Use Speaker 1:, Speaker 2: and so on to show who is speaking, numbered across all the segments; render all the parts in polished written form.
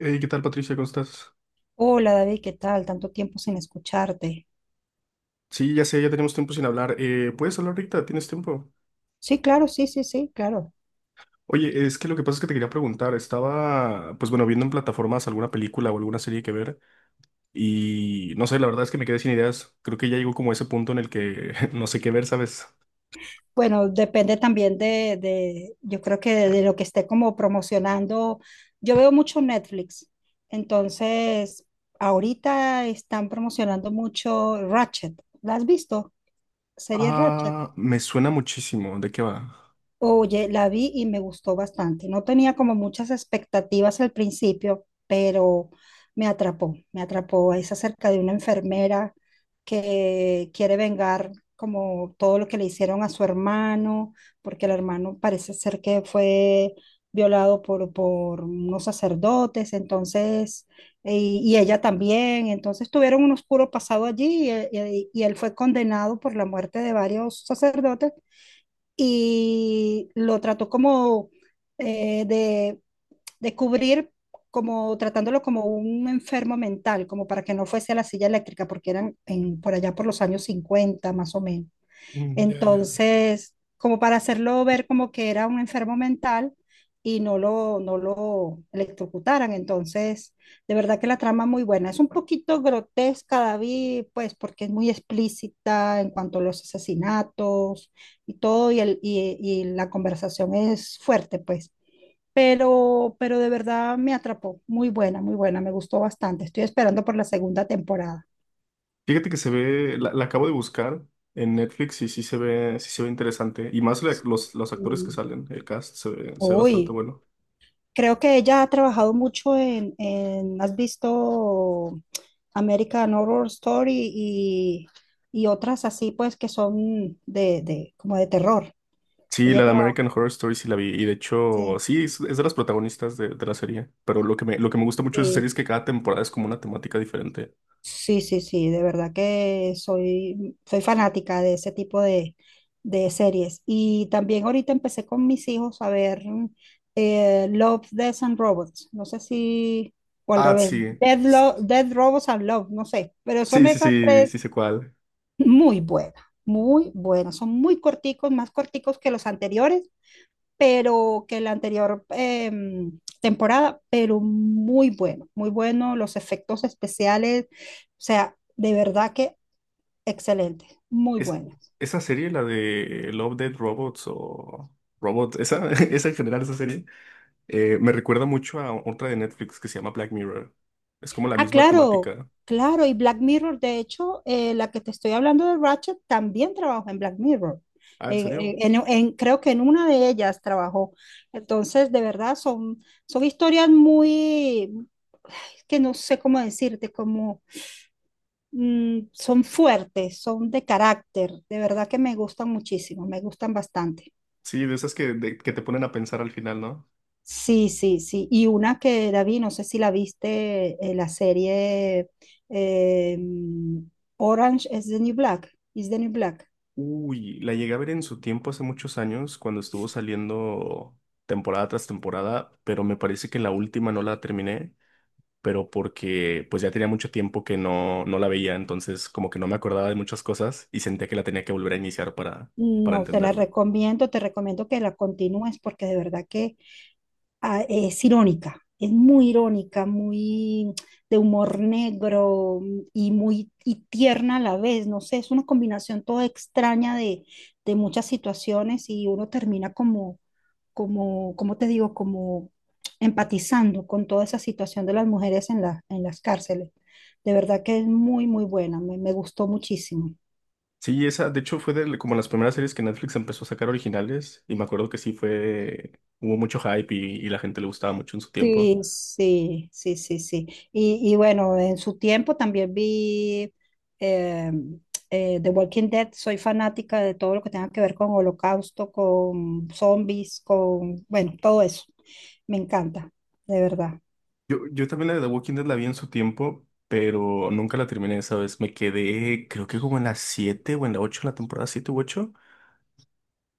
Speaker 1: Hey, ¿qué tal, Patricia? ¿Cómo estás?
Speaker 2: Hola David, ¿qué tal? Tanto tiempo sin escucharte.
Speaker 1: Sí, ya sé, ya tenemos tiempo sin hablar. ¿Puedes hablar ahorita? ¿Tienes tiempo?
Speaker 2: Sí, claro, sí, sí, sí, claro.
Speaker 1: Oye, es que lo que pasa es que te quería preguntar. Estaba, pues bueno, viendo en plataformas alguna película o alguna serie que ver y no sé, la verdad es que me quedé sin ideas. Creo que ya llegó como a ese punto en el que no sé qué ver, ¿sabes?
Speaker 2: Bueno, depende también de yo creo que de lo que esté como promocionando. Yo veo mucho Netflix, entonces ahorita están promocionando mucho Ratchet. ¿La has visto? Serie Ratchet.
Speaker 1: Ah, me suena muchísimo. ¿De qué va?
Speaker 2: Oye, la vi y me gustó bastante. No tenía como muchas expectativas al principio, pero me atrapó, me atrapó. Es acerca de una enfermera que quiere vengar como todo lo que le hicieron a su hermano, porque el hermano parece ser que fue violado por unos sacerdotes, entonces, y, ella también. Entonces tuvieron un oscuro pasado allí y él fue condenado por la muerte de varios sacerdotes y lo trató como eh, de, de cubrir, como tratándolo como un enfermo mental, como para que no fuese a la silla eléctrica, porque eran por allá por los años 50 más o menos.
Speaker 1: Mm, ya, ya.
Speaker 2: Entonces, como para hacerlo ver como que era un enfermo mental y no lo electrocutaran. Entonces, de verdad que la trama es muy buena. Es un poquito grotesca, David, pues porque es muy explícita en cuanto a los asesinatos y todo, y la conversación es fuerte, pues. Pero de verdad me atrapó. Muy buena, muy buena. Me gustó bastante. Estoy esperando por la segunda temporada.
Speaker 1: Fíjate que se ve, la acabo de buscar en Netflix y sí se ve interesante. Y más los actores que
Speaker 2: Mm,
Speaker 1: salen, el cast se ve bastante
Speaker 2: Uy,
Speaker 1: bueno.
Speaker 2: creo que ella ha trabajado mucho ¿has visto American Horror Story y otras así, pues, que son de, como de terror?
Speaker 1: Sí,
Speaker 2: Ella
Speaker 1: la de
Speaker 2: trabaja,
Speaker 1: American Horror Story sí la vi. Y de hecho,
Speaker 2: sí,
Speaker 1: sí, es de las protagonistas de la serie. Pero lo que me gusta mucho de esa serie
Speaker 2: sí.
Speaker 1: es que cada temporada es como una temática diferente.
Speaker 2: Sí, sí, sí, de verdad que soy fanática de ese tipo de series. Y también ahorita empecé con mis hijos a ver Love, Death and Robots. No sé si, o al
Speaker 1: Ah,
Speaker 2: revés,
Speaker 1: sí.
Speaker 2: Dead,
Speaker 1: S-
Speaker 2: Dead Robots and Love, no sé, pero son
Speaker 1: Sí, sí,
Speaker 2: esas
Speaker 1: sí, sí
Speaker 2: tres.
Speaker 1: sé cuál.
Speaker 2: Muy buena, muy buena. Son muy corticos, más corticos que los anteriores, pero que la anterior temporada, pero muy bueno, muy bueno. Los efectos especiales, o sea, de verdad que excelente, muy
Speaker 1: Es,
Speaker 2: bueno.
Speaker 1: esa serie, la de Love, Dead Robots o Robots, esa, esa en general, esa serie, me recuerda mucho a otra de Netflix que se llama Black Mirror. Es como la
Speaker 2: Ah,
Speaker 1: misma
Speaker 2: claro,
Speaker 1: temática.
Speaker 2: claro. Y Black Mirror, de hecho, la que te estoy hablando de Ratchet también trabajó en Black Mirror.
Speaker 1: Ah, ¿en serio?
Speaker 2: Creo que en una de ellas trabajó. Entonces, de verdad, son historias muy, es que no sé cómo decirte, como son fuertes, son de carácter. De verdad que me gustan muchísimo, me gustan bastante.
Speaker 1: Sí, de esas que, que te ponen a pensar al final, ¿no?
Speaker 2: Sí, sí, sí. Y una que, David, no sé si la viste, la serie eh, mm, Orange is the New Black, is the New Black.
Speaker 1: Uy, la llegué a ver en su tiempo hace muchos años, cuando estuvo saliendo temporada tras temporada, pero me parece que la última no la terminé, pero porque pues ya tenía mucho tiempo que no, no la veía, entonces como que no me acordaba de muchas cosas y sentía que la tenía que volver a iniciar para
Speaker 2: No, te la
Speaker 1: entenderla.
Speaker 2: recomiendo, te recomiendo que la continúes porque de verdad que es irónica, es muy irónica, muy de humor negro, y muy y tierna a la vez, no sé, es una combinación toda extraña de muchas situaciones y uno termina como, te digo, como empatizando con toda esa situación de las mujeres en las cárceles. De verdad que es muy, muy buena, me gustó muchísimo.
Speaker 1: Sí, esa de hecho fue de, como las primeras series que Netflix empezó a sacar originales y me acuerdo que sí fue, hubo mucho hype y la gente le gustaba mucho en su tiempo.
Speaker 2: Sí, sí, sí, sí, sí. Y bueno, en su tiempo también vi eh, The Walking Dead. Soy fanática de todo lo que tenga que ver con holocausto, con zombies, con, bueno, todo eso. Me encanta, de verdad.
Speaker 1: Yo también la de The Walking Dead la vi en su tiempo, pero nunca la terminé esa vez. Me quedé, creo que como en la siete o en la ocho en la temporada 7 u 8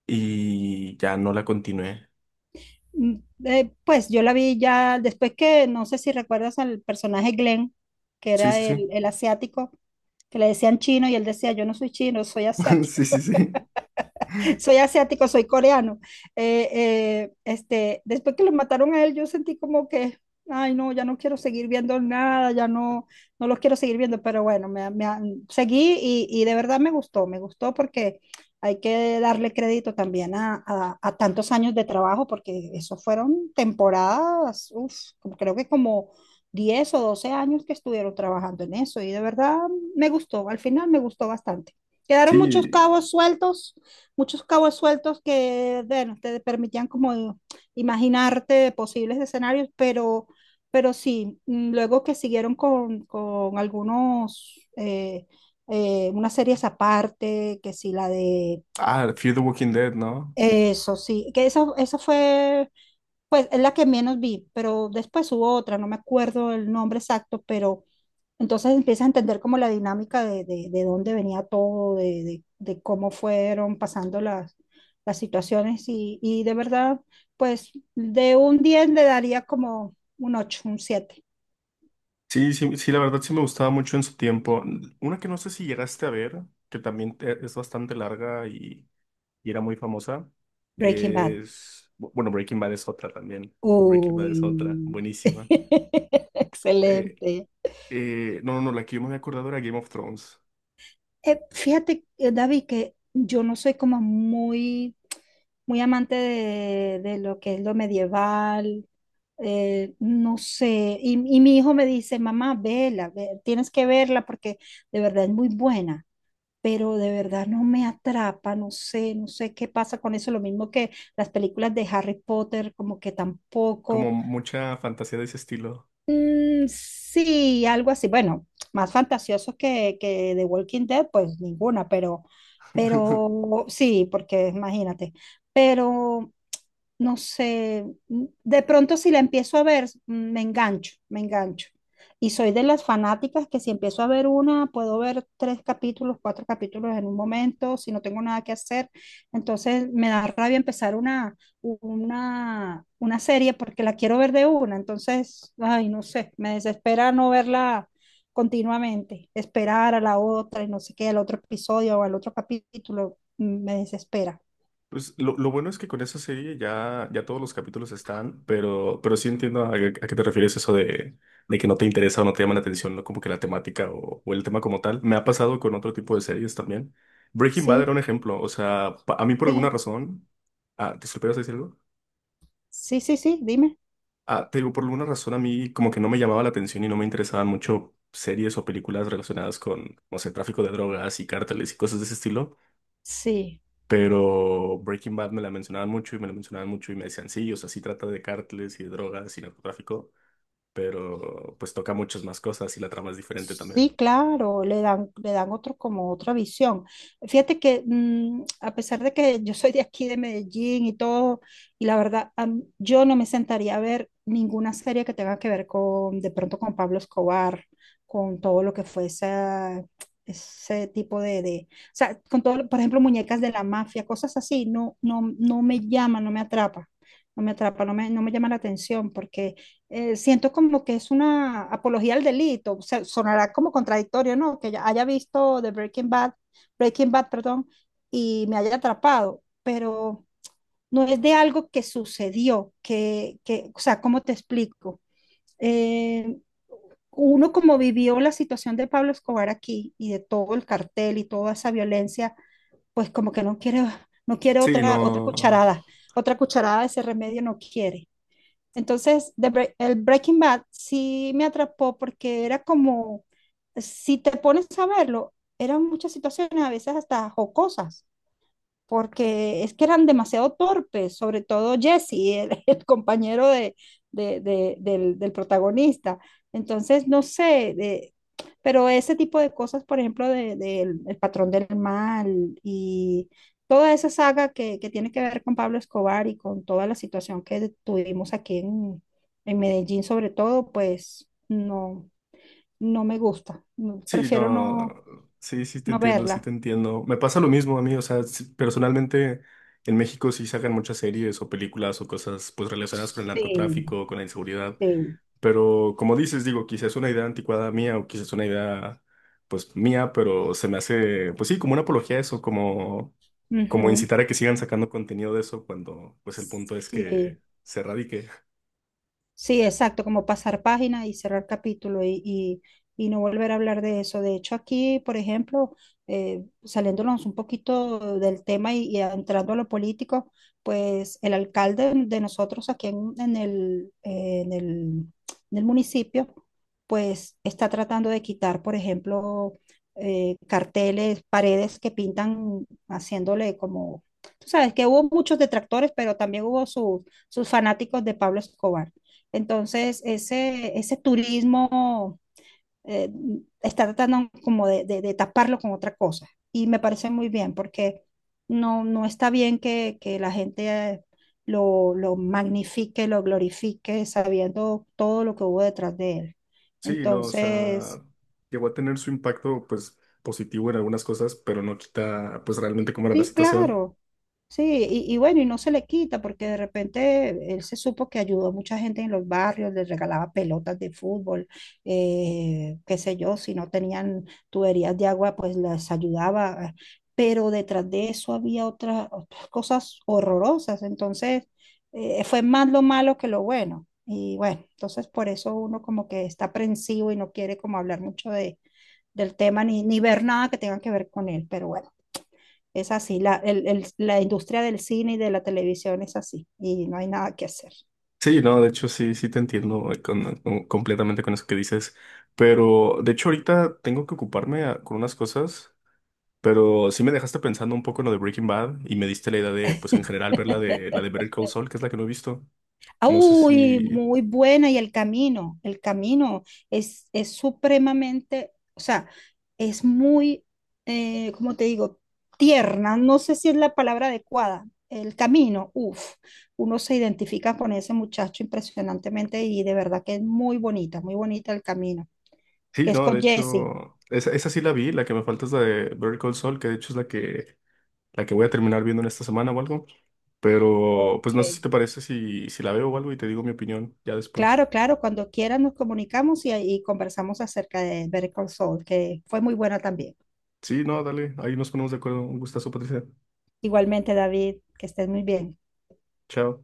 Speaker 1: y ya no la continué.
Speaker 2: Mm, pues yo la vi ya después que, no sé si recuerdas al personaje Glenn, que
Speaker 1: Sí,
Speaker 2: era
Speaker 1: sí,
Speaker 2: el,
Speaker 1: sí.
Speaker 2: el asiático, que le decían chino y él decía, yo no soy chino, soy asiático.
Speaker 1: Sí, sí, sí.
Speaker 2: Soy asiático, soy coreano. Después que lo mataron a él, yo sentí como que, ay, no, ya no quiero seguir viendo nada, ya no, no los quiero seguir viendo, pero bueno, me seguí y, de verdad me gustó porque hay que darle crédito también a tantos años de trabajo, porque eso fueron temporadas, uf, creo que como 10 o 12 años que estuvieron trabajando en eso y de verdad me gustó, al final me gustó bastante. Quedaron
Speaker 1: Sí.
Speaker 2: muchos cabos sueltos que, bueno, te permitían como imaginarte posibles escenarios, pero, sí, luego que siguieron con algunos, unas series aparte, que sí, la de
Speaker 1: Ah, Fear the Walking Dead, ¿no?
Speaker 2: eso, sí, que esa fue, pues, es la que menos vi, pero después hubo otra, no me acuerdo el nombre exacto, pero entonces empiezas a entender como la dinámica de dónde venía todo, de cómo fueron pasando las situaciones y, de verdad, pues de un 10 le daría como un 8, un 7.
Speaker 1: Sí, sí, sí, la verdad sí me gustaba mucho en su tiempo. Una que no sé si llegaste a ver, que también es bastante larga y era muy famosa,
Speaker 2: Breaking Bad.
Speaker 1: es... Bueno, Breaking Bad es otra también. Breaking Bad es otra,
Speaker 2: Uy,
Speaker 1: buenísima. Eh,
Speaker 2: excelente.
Speaker 1: No, no, no, la que yo me había acordado era Game of Thrones.
Speaker 2: Fíjate, David, que yo no soy como muy, muy amante de lo que es lo medieval. No sé, y mi hijo me dice, mamá, vela, tienes que verla porque de verdad es muy buena, pero de verdad no me atrapa, no sé, no sé qué pasa con eso, lo mismo que las películas de Harry Potter, como que
Speaker 1: Como
Speaker 2: tampoco.
Speaker 1: mucha fantasía de ese estilo.
Speaker 2: Mm, sí, algo así. Bueno, más fantasiosos que The Walking Dead, pues ninguna, pero sí, porque imagínate. Pero no sé, de pronto si la empiezo a ver, me engancho, me engancho. Y soy de las fanáticas que si empiezo a ver una, puedo ver tres capítulos, cuatro capítulos en un momento, si no tengo nada que hacer. Entonces me da rabia empezar una serie porque la quiero ver de una. Entonces, ay, no sé, me desespera no verla continuamente, esperar a la otra y no sé qué, al otro episodio o al otro capítulo, me desespera.
Speaker 1: Pues lo bueno es que con esa serie ya, ya todos los capítulos están, pero sí entiendo a qué te refieres eso de que no te interesa o no te llama la atención, ¿no? Como que la temática o el tema como tal. Me ha pasado con otro tipo de series también. Breaking Bad era
Speaker 2: Sí,
Speaker 1: un ejemplo. O sea, a mí por alguna
Speaker 2: sí,
Speaker 1: razón. Ah, ¿te esperas decir algo?
Speaker 2: sí, sí, sí, dime.
Speaker 1: Ah, te digo, por alguna razón a mí como que no me llamaba la atención y no me interesaban mucho series o películas relacionadas con, no sé, tráfico de drogas y cárteles y cosas de ese estilo,
Speaker 2: Sí.
Speaker 1: pero Breaking Bad me la mencionaban mucho y me la mencionaban mucho y me decían, sí, o sea, sí trata de cárteles y de drogas y narcotráfico, pero pues toca muchas más cosas y la trama es diferente también.
Speaker 2: Sí, claro, le dan otro, como otra visión. Fíjate que a pesar de que yo soy de aquí, de Medellín y todo, y la verdad, yo no me sentaría a ver ninguna serie que tenga que ver con, de pronto con Pablo Escobar, con todo lo que fue ese tipo de, o sea, con todo, por ejemplo, muñecas de la mafia, cosas así, no, no, no me llama, no me atrapa, no me atrapa, no me llama la atención porque siento como que es una apología al delito. O sea, sonará como contradictorio, ¿no? Que ya haya visto The Breaking Bad, Breaking Bad, perdón, y me haya atrapado, pero no es de algo que sucedió, que o sea, ¿cómo te explico? Eh, Uno como vivió la situación de Pablo Escobar aquí y de todo el cartel y toda esa violencia, pues como que no quiere, no quiere
Speaker 1: Sí,
Speaker 2: otra,
Speaker 1: no.
Speaker 2: cucharada, otra cucharada de ese remedio no quiere. Entonces, el Breaking Bad sí me atrapó porque era como, si te pones a verlo, eran muchas situaciones a veces hasta jocosas porque es que eran demasiado torpes, sobre todo Jesse, el compañero del protagonista. Entonces, no sé, pero ese tipo de cosas, por ejemplo, El patrón del mal y toda esa saga que tiene que ver con Pablo Escobar y con toda la situación que tuvimos aquí en Medellín, sobre todo, pues no, no me gusta.
Speaker 1: Sí,
Speaker 2: Prefiero
Speaker 1: no,
Speaker 2: no,
Speaker 1: sí, sí te
Speaker 2: no
Speaker 1: entiendo, sí
Speaker 2: verla.
Speaker 1: te entiendo. Me pasa lo mismo a mí, o sea, sí, personalmente en México sí sacan muchas series o películas o cosas pues relacionadas con el
Speaker 2: Sí,
Speaker 1: narcotráfico, con la inseguridad,
Speaker 2: sí.
Speaker 1: pero como dices, digo, quizás es una idea anticuada mía o quizás es una idea pues mía, pero se me hace pues sí, como una apología a eso, como
Speaker 2: Ujú.
Speaker 1: incitar a que sigan sacando contenido de eso cuando pues el punto es
Speaker 2: Sí.
Speaker 1: que se erradique.
Speaker 2: Sí, exacto, como pasar página y cerrar capítulo y no volver a hablar de eso. De hecho, aquí, por ejemplo, saliéndonos un poquito del tema y entrando a lo político, pues el alcalde de nosotros aquí en el municipio, pues está tratando de quitar, por ejemplo, carteles, paredes que pintan haciéndole como, tú sabes que hubo muchos detractores, pero también hubo sus fanáticos de Pablo Escobar. Entonces, ese turismo eh, está tratando como de taparlo con otra cosa. Y me parece muy bien porque no está bien que la gente lo magnifique, lo glorifique, sabiendo todo lo que hubo detrás de él.
Speaker 1: Sí, no, o sea,
Speaker 2: Entonces,
Speaker 1: llegó a tener su impacto, pues, positivo en algunas cosas, pero no quita, pues, realmente cómo era la
Speaker 2: sí,
Speaker 1: situación.
Speaker 2: claro. Sí, y bueno, y no se le quita porque de repente él se supo que ayudó a mucha gente en los barrios, les regalaba pelotas de fútbol, qué sé yo, si no tenían tuberías de agua, pues las ayudaba. Pero detrás de eso había otras cosas horrorosas. Entonces, fue más lo malo que lo bueno. Y bueno, entonces por eso uno como que está aprensivo y no quiere como hablar mucho del tema ni ver nada que tenga que ver con él. Pero bueno. Es así, la industria del cine y de la televisión es así y no hay nada que hacer.
Speaker 1: Sí, no, de hecho, sí, sí te entiendo completamente con eso que dices, pero, de hecho, ahorita tengo que ocuparme con unas cosas, pero sí me dejaste pensando un poco en lo de Breaking Bad y me diste la idea de, pues, en general, ver la de Better Call Saul, que es la que no he visto. No sé
Speaker 2: Uy,
Speaker 1: si...
Speaker 2: muy buena y el camino es supremamente, o sea, es muy, ¿cómo te digo? Tierna, no sé si es la palabra adecuada. El camino, uff, uno se identifica con ese muchacho impresionantemente y de verdad que es muy bonita el camino,
Speaker 1: Sí,
Speaker 2: que es
Speaker 1: no, de
Speaker 2: con Jesse.
Speaker 1: hecho, esa sí la vi, la que me falta es la de Better Call Saul, que de hecho es la que voy a terminar viendo en esta semana o algo. Pero pues
Speaker 2: Ok.
Speaker 1: no sé si te parece si, si la veo o algo y te digo mi opinión ya después.
Speaker 2: Claro, claro, cuando quieras nos comunicamos y conversamos acerca de Better Call Saul, que fue muy buena también.
Speaker 1: Sí, no, dale, ahí nos ponemos de acuerdo. Un gustazo, Patricia.
Speaker 2: Igualmente, David, que estés muy bien.
Speaker 1: Chao.